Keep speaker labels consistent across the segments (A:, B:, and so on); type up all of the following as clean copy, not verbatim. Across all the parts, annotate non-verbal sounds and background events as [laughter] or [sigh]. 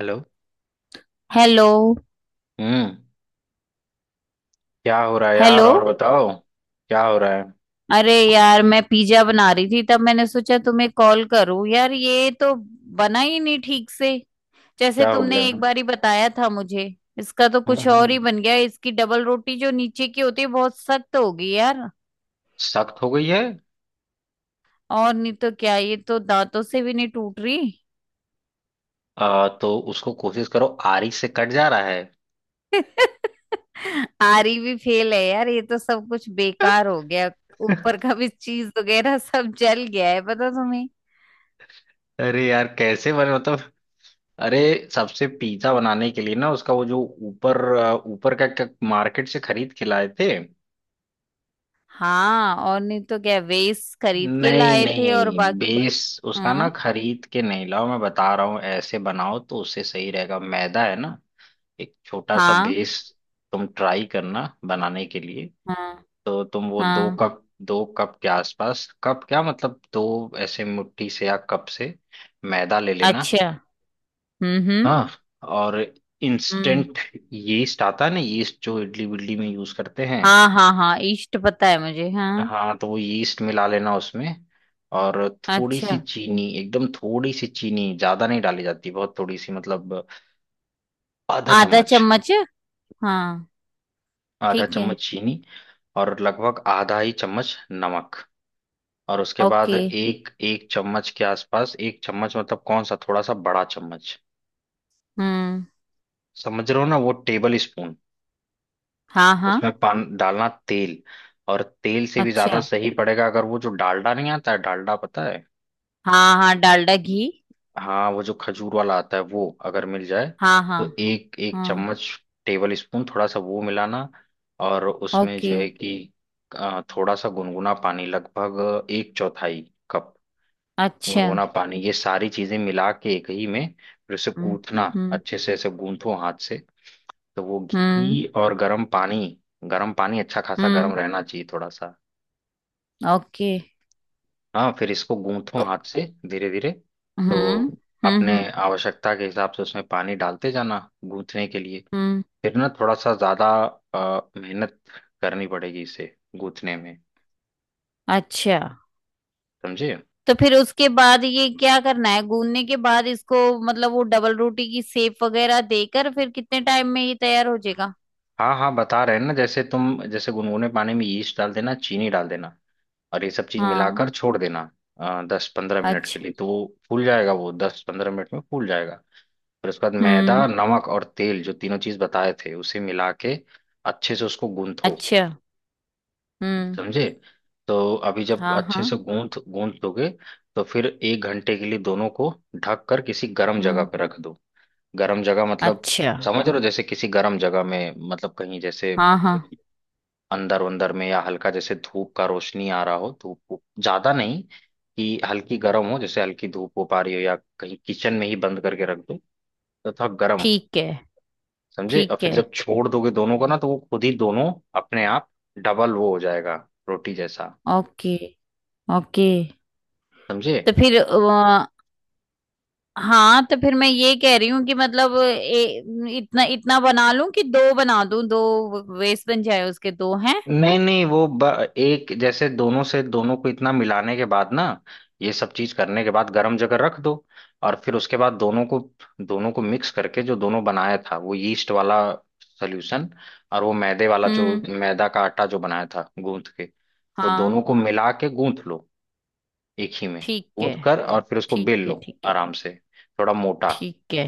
A: Hello.
B: Hello.
A: हम्म। क्या हो रहा है यार
B: हेलो।
A: और बताओ। क्या हो रहा है।
B: अरे यार, मैं पिज्जा बना रही थी तब मैंने सोचा तुम्हें कॉल करूं यार। ये तो बना ही नहीं ठीक से, जैसे
A: क्या हो गया।
B: तुमने एक बार ही बताया था मुझे। इसका तो
A: हम्म,
B: कुछ और ही
A: हम्म,
B: बन गया। इसकी डबल रोटी जो नीचे की होती है बहुत सख्त होगी यार।
A: सख्त हो गई है।
B: और नहीं तो क्या, ये तो दांतों से भी नहीं टूट रही।
A: तो उसको कोशिश करो। आरी से कट जा रहा है।
B: [laughs] आरी भी फेल है यार, ये तो सब कुछ बेकार हो गया। ऊपर का भी चीज वगैरह सब जल गया है, पता तुम्हें।
A: अरे यार कैसे बने मतलब। अरे सबसे पिज्जा बनाने के लिए ना उसका वो जो ऊपर ऊपर मार्केट से खरीद के लाए थे।
B: हाँ, और नहीं तो क्या, वेस्ट खरीद के
A: नहीं
B: लाए थे और
A: नहीं
B: बाकी।
A: बेस उसका ना
B: हम्म।
A: खरीद के नहीं लाओ, मैं बता रहा हूँ ऐसे बनाओ तो उससे सही रहेगा, मैदा है ना। एक छोटा सा
B: हाँ
A: बेस तुम ट्राई करना बनाने के लिए।
B: हाँ
A: तो तुम वो दो
B: हाँ।
A: कप 2 कप के आसपास, कप क्या मतलब दो ऐसे मुट्ठी से या कप से मैदा ले लेना।
B: अच्छा। हम्म।
A: हाँ, और
B: हम्म।
A: इंस्टेंट यीस्ट आता है ना, यीस्ट जो इडली विडली में यूज करते हैं।
B: हाँ हाँ हाँ, ईस्ट पता है मुझे, हाँ।
A: हाँ, तो वो यीस्ट मिला लेना उसमें। और थोड़ी सी
B: अच्छा।
A: चीनी, एकदम थोड़ी सी चीनी, ज्यादा नहीं डाली जाती, बहुत थोड़ी सी मतलब आधा
B: आधा
A: चम्मच।
B: चम्मच। हाँ।
A: आधा
B: ठीक है।
A: चम्मच चीनी और लगभग आधा ही चम्मच नमक। और उसके बाद
B: ओके।
A: एक एक चम्मच के आसपास, 1 चम्मच मतलब कौन सा, थोड़ा सा बड़ा चम्मच,
B: हम्म।
A: समझ रहे हो ना, वो टेबल स्पून।
B: हाँ हाँ।
A: उसमें पान डालना, तेल, और तेल से भी ज्यादा
B: अच्छा।
A: सही पड़ेगा अगर वो जो डालडा नहीं आता है, डालडा पता है।
B: हाँ हाँ, डालडा घी।
A: हाँ, वो जो खजूर वाला आता है, वो अगर मिल जाए
B: हाँ हाँ।
A: तो एक एक
B: हाँ।
A: चम्मच टेबल स्पून थोड़ा सा वो मिलाना। और उसमें जो
B: ओके।
A: है कि थोड़ा सा गुनगुना पानी, लगभग एक चौथाई कप
B: अच्छा।
A: गुनगुना पानी, ये सारी चीजें मिला के एक ही में फिर उसे
B: हम्म
A: कूथना।
B: हम्म।
A: अच्छे से ऐसे गूंथो हाथ से। तो वो
B: हम्म
A: घी और गर्म पानी, गर्म पानी अच्छा खासा गर्म
B: हम्म।
A: रहना चाहिए थोड़ा सा।
B: ओके।
A: हाँ, फिर इसको गूंथो
B: तो-
A: हाथ से धीरे धीरे।
B: हम्म।
A: तो अपने
B: हम्म
A: आवश्यकता के हिसाब से उसमें पानी डालते जाना गूंथने के लिए।
B: हम्म,
A: फिर ना थोड़ा सा ज्यादा मेहनत करनी पड़ेगी इसे गूंथने में,
B: अच्छा।
A: समझे।
B: तो फिर उसके बाद ये क्या करना है, गूंदने के बाद इसको? मतलब वो डबल रोटी की सेप वगैरह देकर फिर कितने टाइम में ये तैयार हो जाएगा?
A: हाँ हाँ, बता रहे हैं ना, जैसे तुम जैसे गुनगुने पानी में यीस्ट डाल देना, चीनी डाल देना, और ये सब चीज
B: हाँ।
A: मिलाकर छोड़ देना 10-15 मिनट के
B: अच्छा।
A: लिए, तो वो फूल जाएगा, वो 10-15 मिनट में फूल जाएगा। फिर उसके बाद
B: हम्म।
A: मैदा, नमक और तेल जो तीनों चीज बताए थे, उसे मिला के अच्छे से उसको गूंथो,
B: अच्छा। हम्म।
A: समझे। तो अभी जब
B: हाँ।
A: अच्छे
B: हाँ।
A: से गूंथ गूंथ दोगे तो फिर 1 घंटे के लिए दोनों को ढक कर किसी गर्म जगह
B: हम्म।
A: पर रख दो। गर्म जगह मतलब,
B: अच्छा।
A: समझ रहे हो, जैसे किसी गर्म जगह में, मतलब कहीं जैसे
B: हाँ हाँ।
A: अंदर, अंदर में, या हल्का जैसे धूप का रोशनी आ रहा हो, ज्यादा नहीं कि हल्की गर्म हो, जैसे हल्की धूप हो पा रही हो, या कहीं किचन में ही बंद करके रख दो तो थोड़ा गर्म हो,
B: ठीक है
A: समझे। और
B: ठीक
A: फिर
B: है।
A: जब छोड़ दोगे दोनों को ना, तो वो खुद ही दोनों अपने आप डबल वो हो जाएगा, रोटी जैसा,
B: ओके ओके।
A: समझे।
B: तो फिर हाँ, तो फिर मैं ये कह रही हूँ कि मतलब इतना इतना बना लूं कि दो बना दूं, दो वेस्ट बन जाए उसके दो हैं।
A: नहीं नहीं वो एक जैसे दोनों से, दोनों को इतना मिलाने के बाद ना, ये सब चीज करने के बाद गर्म जगह रख दो। और फिर उसके बाद दोनों को मिक्स करके, जो दोनों बनाया था वो यीस्ट वाला सोल्यूशन और वो मैदे वाला, जो
B: हम्म।
A: मैदा का आटा जो बनाया था गूंथ के, वो
B: हाँ।
A: दोनों को मिला के गूंथ लो एक ही में।
B: ठीक है
A: गूंथ कर और फिर उसको
B: ठीक
A: बेल
B: है।
A: लो
B: ठीक है
A: आराम से, थोड़ा मोटा।
B: ठीक है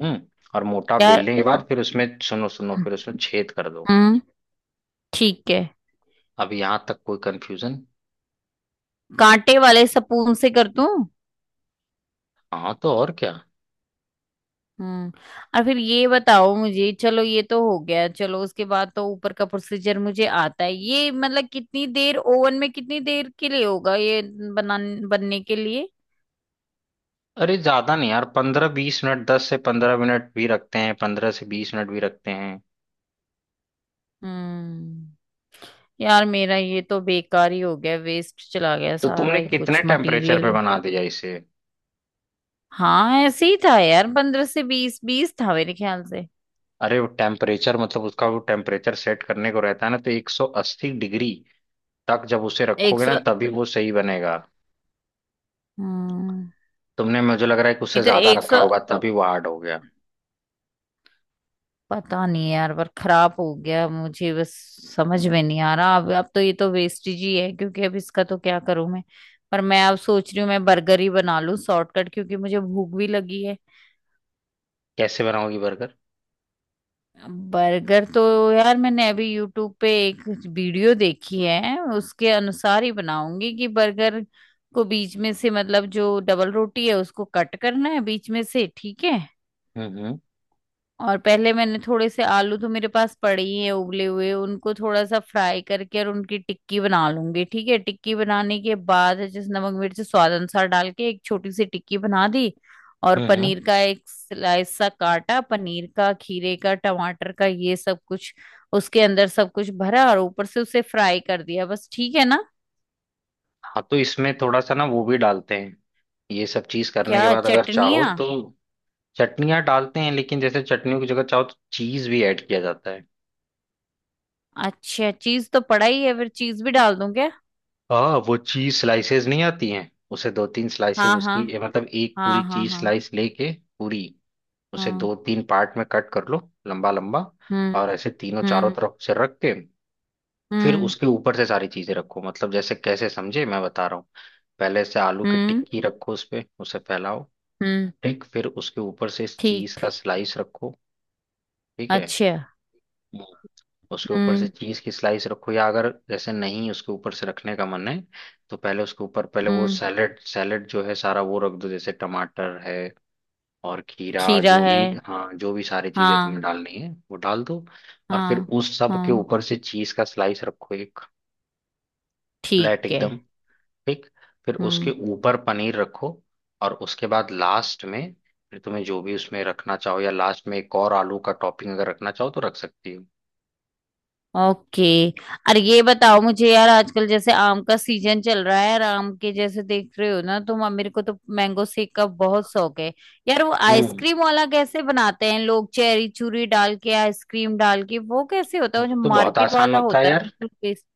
A: हम्म। और मोटा
B: यार।
A: बेलने के बाद फिर उसमें, सुनो सुनो, फिर उसमें छेद कर दो।
B: हम्म। ठीक है।
A: अब यहाँ तक कोई कंफ्यूजन?
B: कांटे वाले सपून से कर दूं?
A: हाँ, तो और क्या।
B: हम्म। और फिर ये बताओ मुझे, चलो ये तो हो गया, चलो उसके बाद तो ऊपर का प्रोसीजर मुझे आता है, ये मतलब कितनी देर ओवन में, कितनी देर के लिए होगा ये बना, बनने के लिए?
A: अरे ज्यादा नहीं यार, 15-20 मिनट, 10 से 15 मिनट भी रखते हैं, 15 से 20 मिनट भी रखते हैं।
B: हम्म। यार मेरा ये तो बेकार ही हो गया, वेस्ट चला गया
A: तो
B: सारा
A: तुमने
B: ही कुछ,
A: कितने टेम्परेचर
B: मटेरियल
A: पे
B: भी।
A: बना दिया इसे?
B: हाँ ऐसे ही था यार, 15 से 20, बीस था मेरे ख्याल से।
A: अरे वो टेम्परेचर मतलब उसका वो टेम्परेचर सेट करने को रहता है ना, तो 180 डिग्री तक जब उसे
B: एक
A: रखोगे ना
B: सौ
A: तभी वो सही बनेगा।
B: हम्म,
A: तुमने, मुझे लग रहा है कि
B: ये
A: उससे
B: तो
A: ज्यादा
B: 100,
A: रखा होगा, तभी वो हार्ड हो गया।
B: पता नहीं यार, पर खराब हो गया मुझे बस। समझ में नहीं आ रहा अब तो ये तो वेस्टेज ही है, क्योंकि अब इसका तो क्या करूं मैं। पर मैं अब सोच रही हूँ मैं बर्गर ही बना लूं शॉर्टकट, क्योंकि मुझे भूख भी लगी है।
A: कैसे बनाओगी बर्गर?
B: बर्गर तो यार, मैंने अभी यूट्यूब पे एक वीडियो देखी है, उसके अनुसार ही बनाऊंगी कि बर्गर को बीच में से, मतलब जो डबल रोटी है उसको कट करना है बीच में से, ठीक है।
A: हम्म, हम्म,
B: और पहले मैंने थोड़े से आलू, तो मेरे पास पड़े ही हैं उबले हुए, उनको थोड़ा सा फ्राई करके और उनकी टिक्की बना लूंगी, ठीक है। टिक्की बनाने के बाद जिस नमक मिर्च स्वाद अनुसार डाल के एक छोटी सी टिक्की बना दी। और
A: हम्म,
B: पनीर का एक स्लाइस सा काटा, पनीर का, खीरे का, टमाटर का, ये सब कुछ उसके अंदर सब कुछ भरा और ऊपर से उसे फ्राई कर दिया, बस। ठीक है ना?
A: हाँ, तो इसमें थोड़ा सा ना वो भी डालते हैं, ये सब चीज करने के
B: क्या
A: बाद अगर चाहो
B: चटनियाँ?
A: तो चटनियाँ डालते हैं, लेकिन जैसे चटनियों की जगह चाहो तो चीज भी ऐड किया जाता है।
B: अच्छा, चीज तो पड़ा ही है, फिर चीज भी डाल दूं क्या?
A: हाँ, वो चीज स्लाइसेस नहीं आती हैं, उसे 2-3 स्लाइसेस
B: हाँ हाँ।
A: उसकी मतलब एक पूरी
B: हाँ हाँ
A: चीज
B: हाँ।
A: स्लाइस लेके पूरी, उसे
B: हाँ।
A: 2-3 पार्ट में कट कर लो, लंबा लंबा।
B: हम्म।
A: और ऐसे तीनों चारों
B: हम्म।
A: तरफ से रख के फिर
B: हम्म
A: उसके ऊपर से सारी चीजें रखो, मतलब जैसे कैसे, समझे, मैं बता रहा हूँ। पहले से आलू की
B: हम्म।
A: टिक्की रखो, उस पे उसे फैलाओ।
B: हम्म।
A: ठीक, फिर उसके ऊपर से इस चीज
B: ठीक।
A: का स्लाइस रखो, ठीक है।
B: अच्छा।
A: हम्म। उसके ऊपर से
B: हम्म
A: चीज की स्लाइस रखो, या अगर जैसे नहीं उसके ऊपर से रखने का मन है तो पहले उसके ऊपर पहले वो
B: हम्म।
A: सैलेड, सैलेड जो है सारा वो रख दो, जैसे टमाटर है और खीरा,
B: खीरा
A: जो
B: है।
A: भी। हाँ, जो भी सारी चीजें तुम्हें
B: हाँ।
A: डालनी है वो डाल दो। और फिर
B: हाँ
A: उस सब के
B: हाँ।
A: ऊपर से चीज का स्लाइस रखो एक,
B: ठीक
A: प्लेट
B: है।
A: एकदम, ठीक। फिर उसके
B: हम्म।
A: ऊपर पनीर रखो और उसके बाद लास्ट में, फिर तुम्हें जो भी उसमें रखना चाहो, या लास्ट में एक और आलू का टॉपिंग अगर रखना चाहो तो रख सकती हो।
B: ओके। अरे ये बताओ मुझे यार, आजकल जैसे आम का सीजन चल रहा है और आम के जैसे देख रहे हो ना तुम, अब मेरे को तो मैंगो शेक का बहुत शौक है यार। वो
A: हम्म।
B: आइसक्रीम वाला कैसे बनाते हैं लोग, चेरी चूरी डाल के आइसक्रीम डाल के, वो कैसे होता
A: वो
B: है वो जो
A: तो बहुत
B: मार्केट
A: आसान
B: वाला
A: होता है
B: होता है
A: यार,
B: बिल्कुल टेस्ट?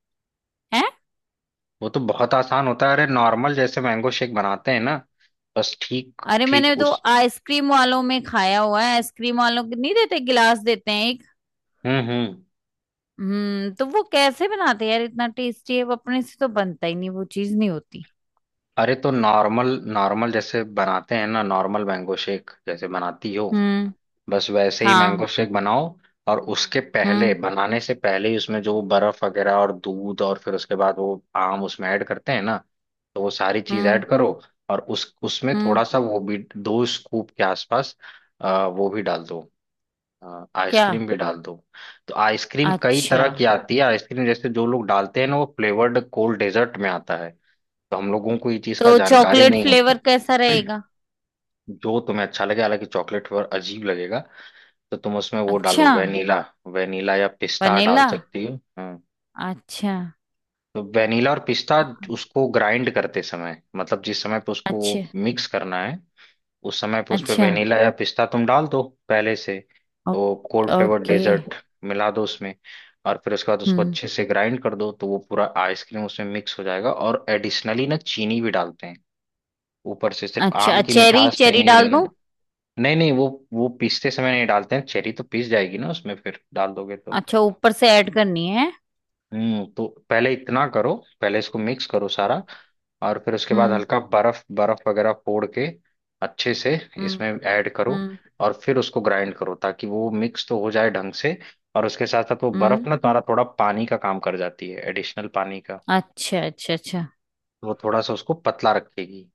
A: वो तो बहुत आसान होता है, अरे नॉर्मल जैसे मैंगो शेक बनाते हैं ना, बस ठीक
B: अरे मैंने
A: ठीक
B: तो
A: उस।
B: आइसक्रीम वालों में खाया हुआ है, आइसक्रीम वालों के, नहीं देते गिलास, देते हैं एक।
A: हम्म, हम्म।
B: हम्म, तो वो कैसे बनाते हैं यार, इतना टेस्टी है वो, अपने से तो बनता ही नहीं, वो चीज नहीं होती।
A: अरे, तो नॉर्मल, नॉर्मल जैसे बनाते हैं ना, नॉर्मल मैंगो शेक जैसे बनाती हो,
B: हम्म।
A: बस वैसे ही
B: हाँ।
A: मैंगो शेक बनाओ। और उसके पहले,
B: हम्म।
A: बनाने से पहले ही उसमें जो बर्फ वगैरह और दूध, और फिर उसके बाद वो आम उसमें ऐड करते हैं ना, तो वो सारी चीज
B: हम्म।
A: ऐड करो। और उस उसमें
B: हम्म।
A: थोड़ा सा वो भी, 2 स्कूप के आसपास वो भी डाल दो। हाँ,
B: क्या?
A: आइसक्रीम भी डाल दो। तो आइसक्रीम कई
B: अच्छा,
A: तरह की आती है, आइसक्रीम जैसे जो लोग डालते हैं ना वो फ्लेवर्ड कोल्ड डेजर्ट में आता है। तो हम लोगों को ये चीज़ का
B: तो
A: जानकारी
B: चॉकलेट
A: नहीं होता।
B: फ्लेवर कैसा रहेगा?
A: [clears throat] जो तुम्हें अच्छा लगे, हालांकि चॉकलेट फ्लेवर अजीब लगेगा। तो तुम उसमें वो डालो,
B: अच्छा,
A: वेनिला, वेनिला या पिस्ता डाल
B: वनीला।
A: सकती हो। हाँ,
B: अच्छा।
A: तो वेनिला और पिस्ता, उसको ग्राइंड करते समय, मतलब जिस समय पे उसको
B: अच्छा।
A: मिक्स करना है, उस समय पे उस पे
B: अच्छा।
A: वेनिला या पिस्ता तुम डाल दो पहले से।
B: ओके
A: वो कोल्ड फ्लेवर
B: ओके।
A: डेजर्ट मिला दो उसमें। और फिर उसके बाद उसको
B: हम्म।
A: अच्छे से ग्राइंड कर दो, तो वो पूरा आइसक्रीम उसमें मिक्स हो जाएगा। और एडिशनली ना चीनी भी डालते हैं ऊपर से, सिर्फ
B: अच्छा।
A: आम की
B: चेरी
A: मिठास पे
B: चेरी
A: नहीं [laughs]
B: डाल दूं?
A: रहना। नहीं नहीं, वो पीसते समय नहीं डालते हैं, चेरी तो पीस जाएगी ना उसमें, फिर डाल दोगे तो।
B: अच्छा, ऊपर से ऐड करनी है।
A: हम्म, तो पहले इतना करो, पहले इसको मिक्स करो सारा।
B: हम्म।
A: और फिर उसके बाद
B: हम्म
A: हल्का बर्फ, बर्फ वगैरह फोड़ के अच्छे से
B: हम्म।
A: इसमें ऐड करो,
B: हम्म
A: और फिर उसको ग्राइंड करो ताकि वो मिक्स तो हो जाए ढंग से। और उसके साथ साथ वो बर्फ
B: हम्म।
A: ना तुम्हारा थोड़ा पानी का काम कर जाती है, एडिशनल पानी का।
B: अच्छा अच्छा अच्छा।
A: तो वो थोड़ा सा उसको पतला रखेगी।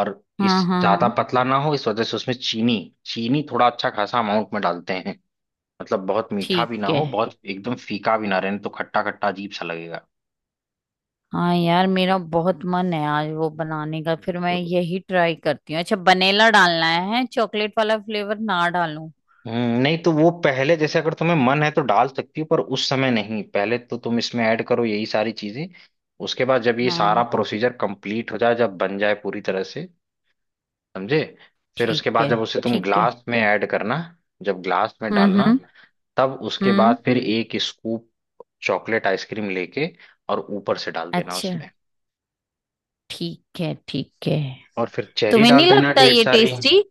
A: और
B: हाँ
A: इस
B: हाँ हाँ।
A: ज्यादा पतला ना हो, इस वजह से उसमें चीनी चीनी थोड़ा अच्छा खासा अमाउंट में डालते हैं, मतलब बहुत मीठा भी ना
B: ठीक है।
A: हो, बहुत एकदम फीका भी ना रहे, नहीं तो खट्टा खट्टा अजीब सा लगेगा।
B: हाँ यार, मेरा बहुत मन है आज वो बनाने का, फिर मैं यही ट्राई करती हूँ। अच्छा, वनीला डालना है, चॉकलेट वाला फ्लेवर ना डालूं?
A: नहीं तो वो पहले जैसे, अगर तुम्हें मन है तो डाल सकती हो, पर उस समय नहीं, पहले तो तुम इसमें ऐड करो यही सारी चीजें। उसके बाद जब ये सारा
B: हाँ।
A: प्रोसीजर कंप्लीट हो जाए, जब बन जाए पूरी तरह से, समझे। फिर उसके
B: ठीक
A: बाद
B: है
A: जब उसे, अच्छा, तुम
B: ठीक है।
A: ग्लास में ऐड करना। जब ग्लास में डालना,
B: हम्म।
A: तब उसके
B: हम्म।
A: बाद फिर 1 स्कूप चॉकलेट आइसक्रीम लेके, और ऊपर से डाल देना
B: अच्छा।
A: उसमें।
B: ठीक है ठीक है।
A: और फिर चेरी
B: तुम्हें नहीं
A: डाल देना
B: लगता
A: ढेर
B: ये
A: सारी।
B: टेस्टी?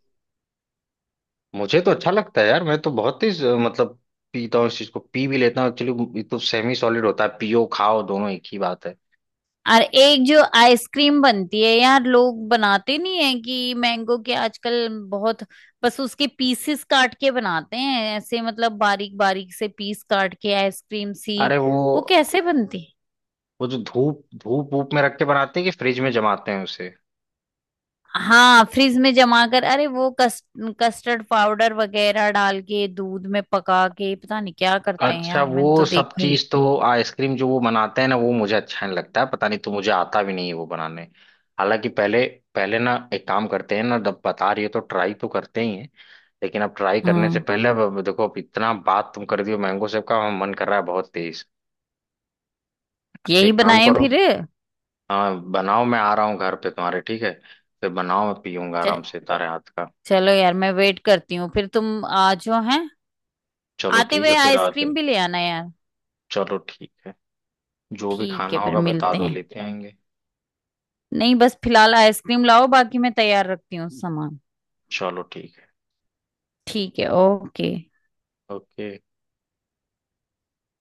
A: मुझे तो अच्छा लगता है यार, मैं तो बहुत ही मतलब पीता हूँ इस चीज को, पी भी लेता हूँ एक्चुअली, ये तो सेमी सॉलिड होता है, पियो खाओ दोनों एक ही बात है।
B: और एक जो आइसक्रीम बनती है यार, लोग बनाते नहीं है कि मैंगो के, आजकल बहुत। बस उसके पीसेस काट के बनाते हैं ऐसे, मतलब बारीक बारीक से पीस काट के आइसक्रीम सी।
A: अरे, वो
B: वो कैसे बनती है?
A: वो जो धूप धूप वूप में रख के बनाते हैं कि फ्रिज में जमाते हैं उसे,
B: हाँ, फ्रिज में जमा कर, अरे वो कस्टर्ड पाउडर वगैरह डाल के दूध में पका के, पता नहीं क्या करते हैं
A: अच्छा
B: यार, मैंने
A: वो
B: तो
A: सब
B: देखा ही है।
A: चीज तो, आइसक्रीम जो वो बनाते हैं ना वो मुझे अच्छा नहीं लगता है, पता नहीं, तो मुझे आता भी नहीं है वो बनाने। हालांकि पहले, पहले ना एक काम करते हैं ना, जब बता रही हो तो ट्राई तो करते ही हैं। लेकिन अब ट्राई करने से
B: हाँ,
A: पहले, अब देखो, अब इतना बात तुम कर दियो मैंगो सेब का, हम मन कर रहा है बहुत तेज। तो
B: यही
A: एक काम
B: बनाए
A: करो,
B: फिर।
A: हाँ बनाओ, मैं आ रहा हूँ घर पे तुम्हारे, ठीक है। फिर बनाओ, मैं पीऊंगा
B: च,
A: आराम से तारे हाथ का।
B: चलो यार, मैं वेट करती हूँ, फिर तुम आ जाओ, हैं।
A: चलो
B: आते
A: ठीक है,
B: हुए
A: फिर आते
B: आइसक्रीम
A: हैं।
B: भी ले आना यार।
A: चलो ठीक है, जो भी
B: ठीक है,
A: खाना
B: फिर
A: होगा बता
B: मिलते
A: दो,
B: हैं।
A: लेते आएंगे।
B: नहीं, बस फिलहाल आइसक्रीम लाओ, बाकी मैं तैयार रखती हूँ सामान।
A: चलो ठीक है,
B: ठीक है। ओके।
A: ओके।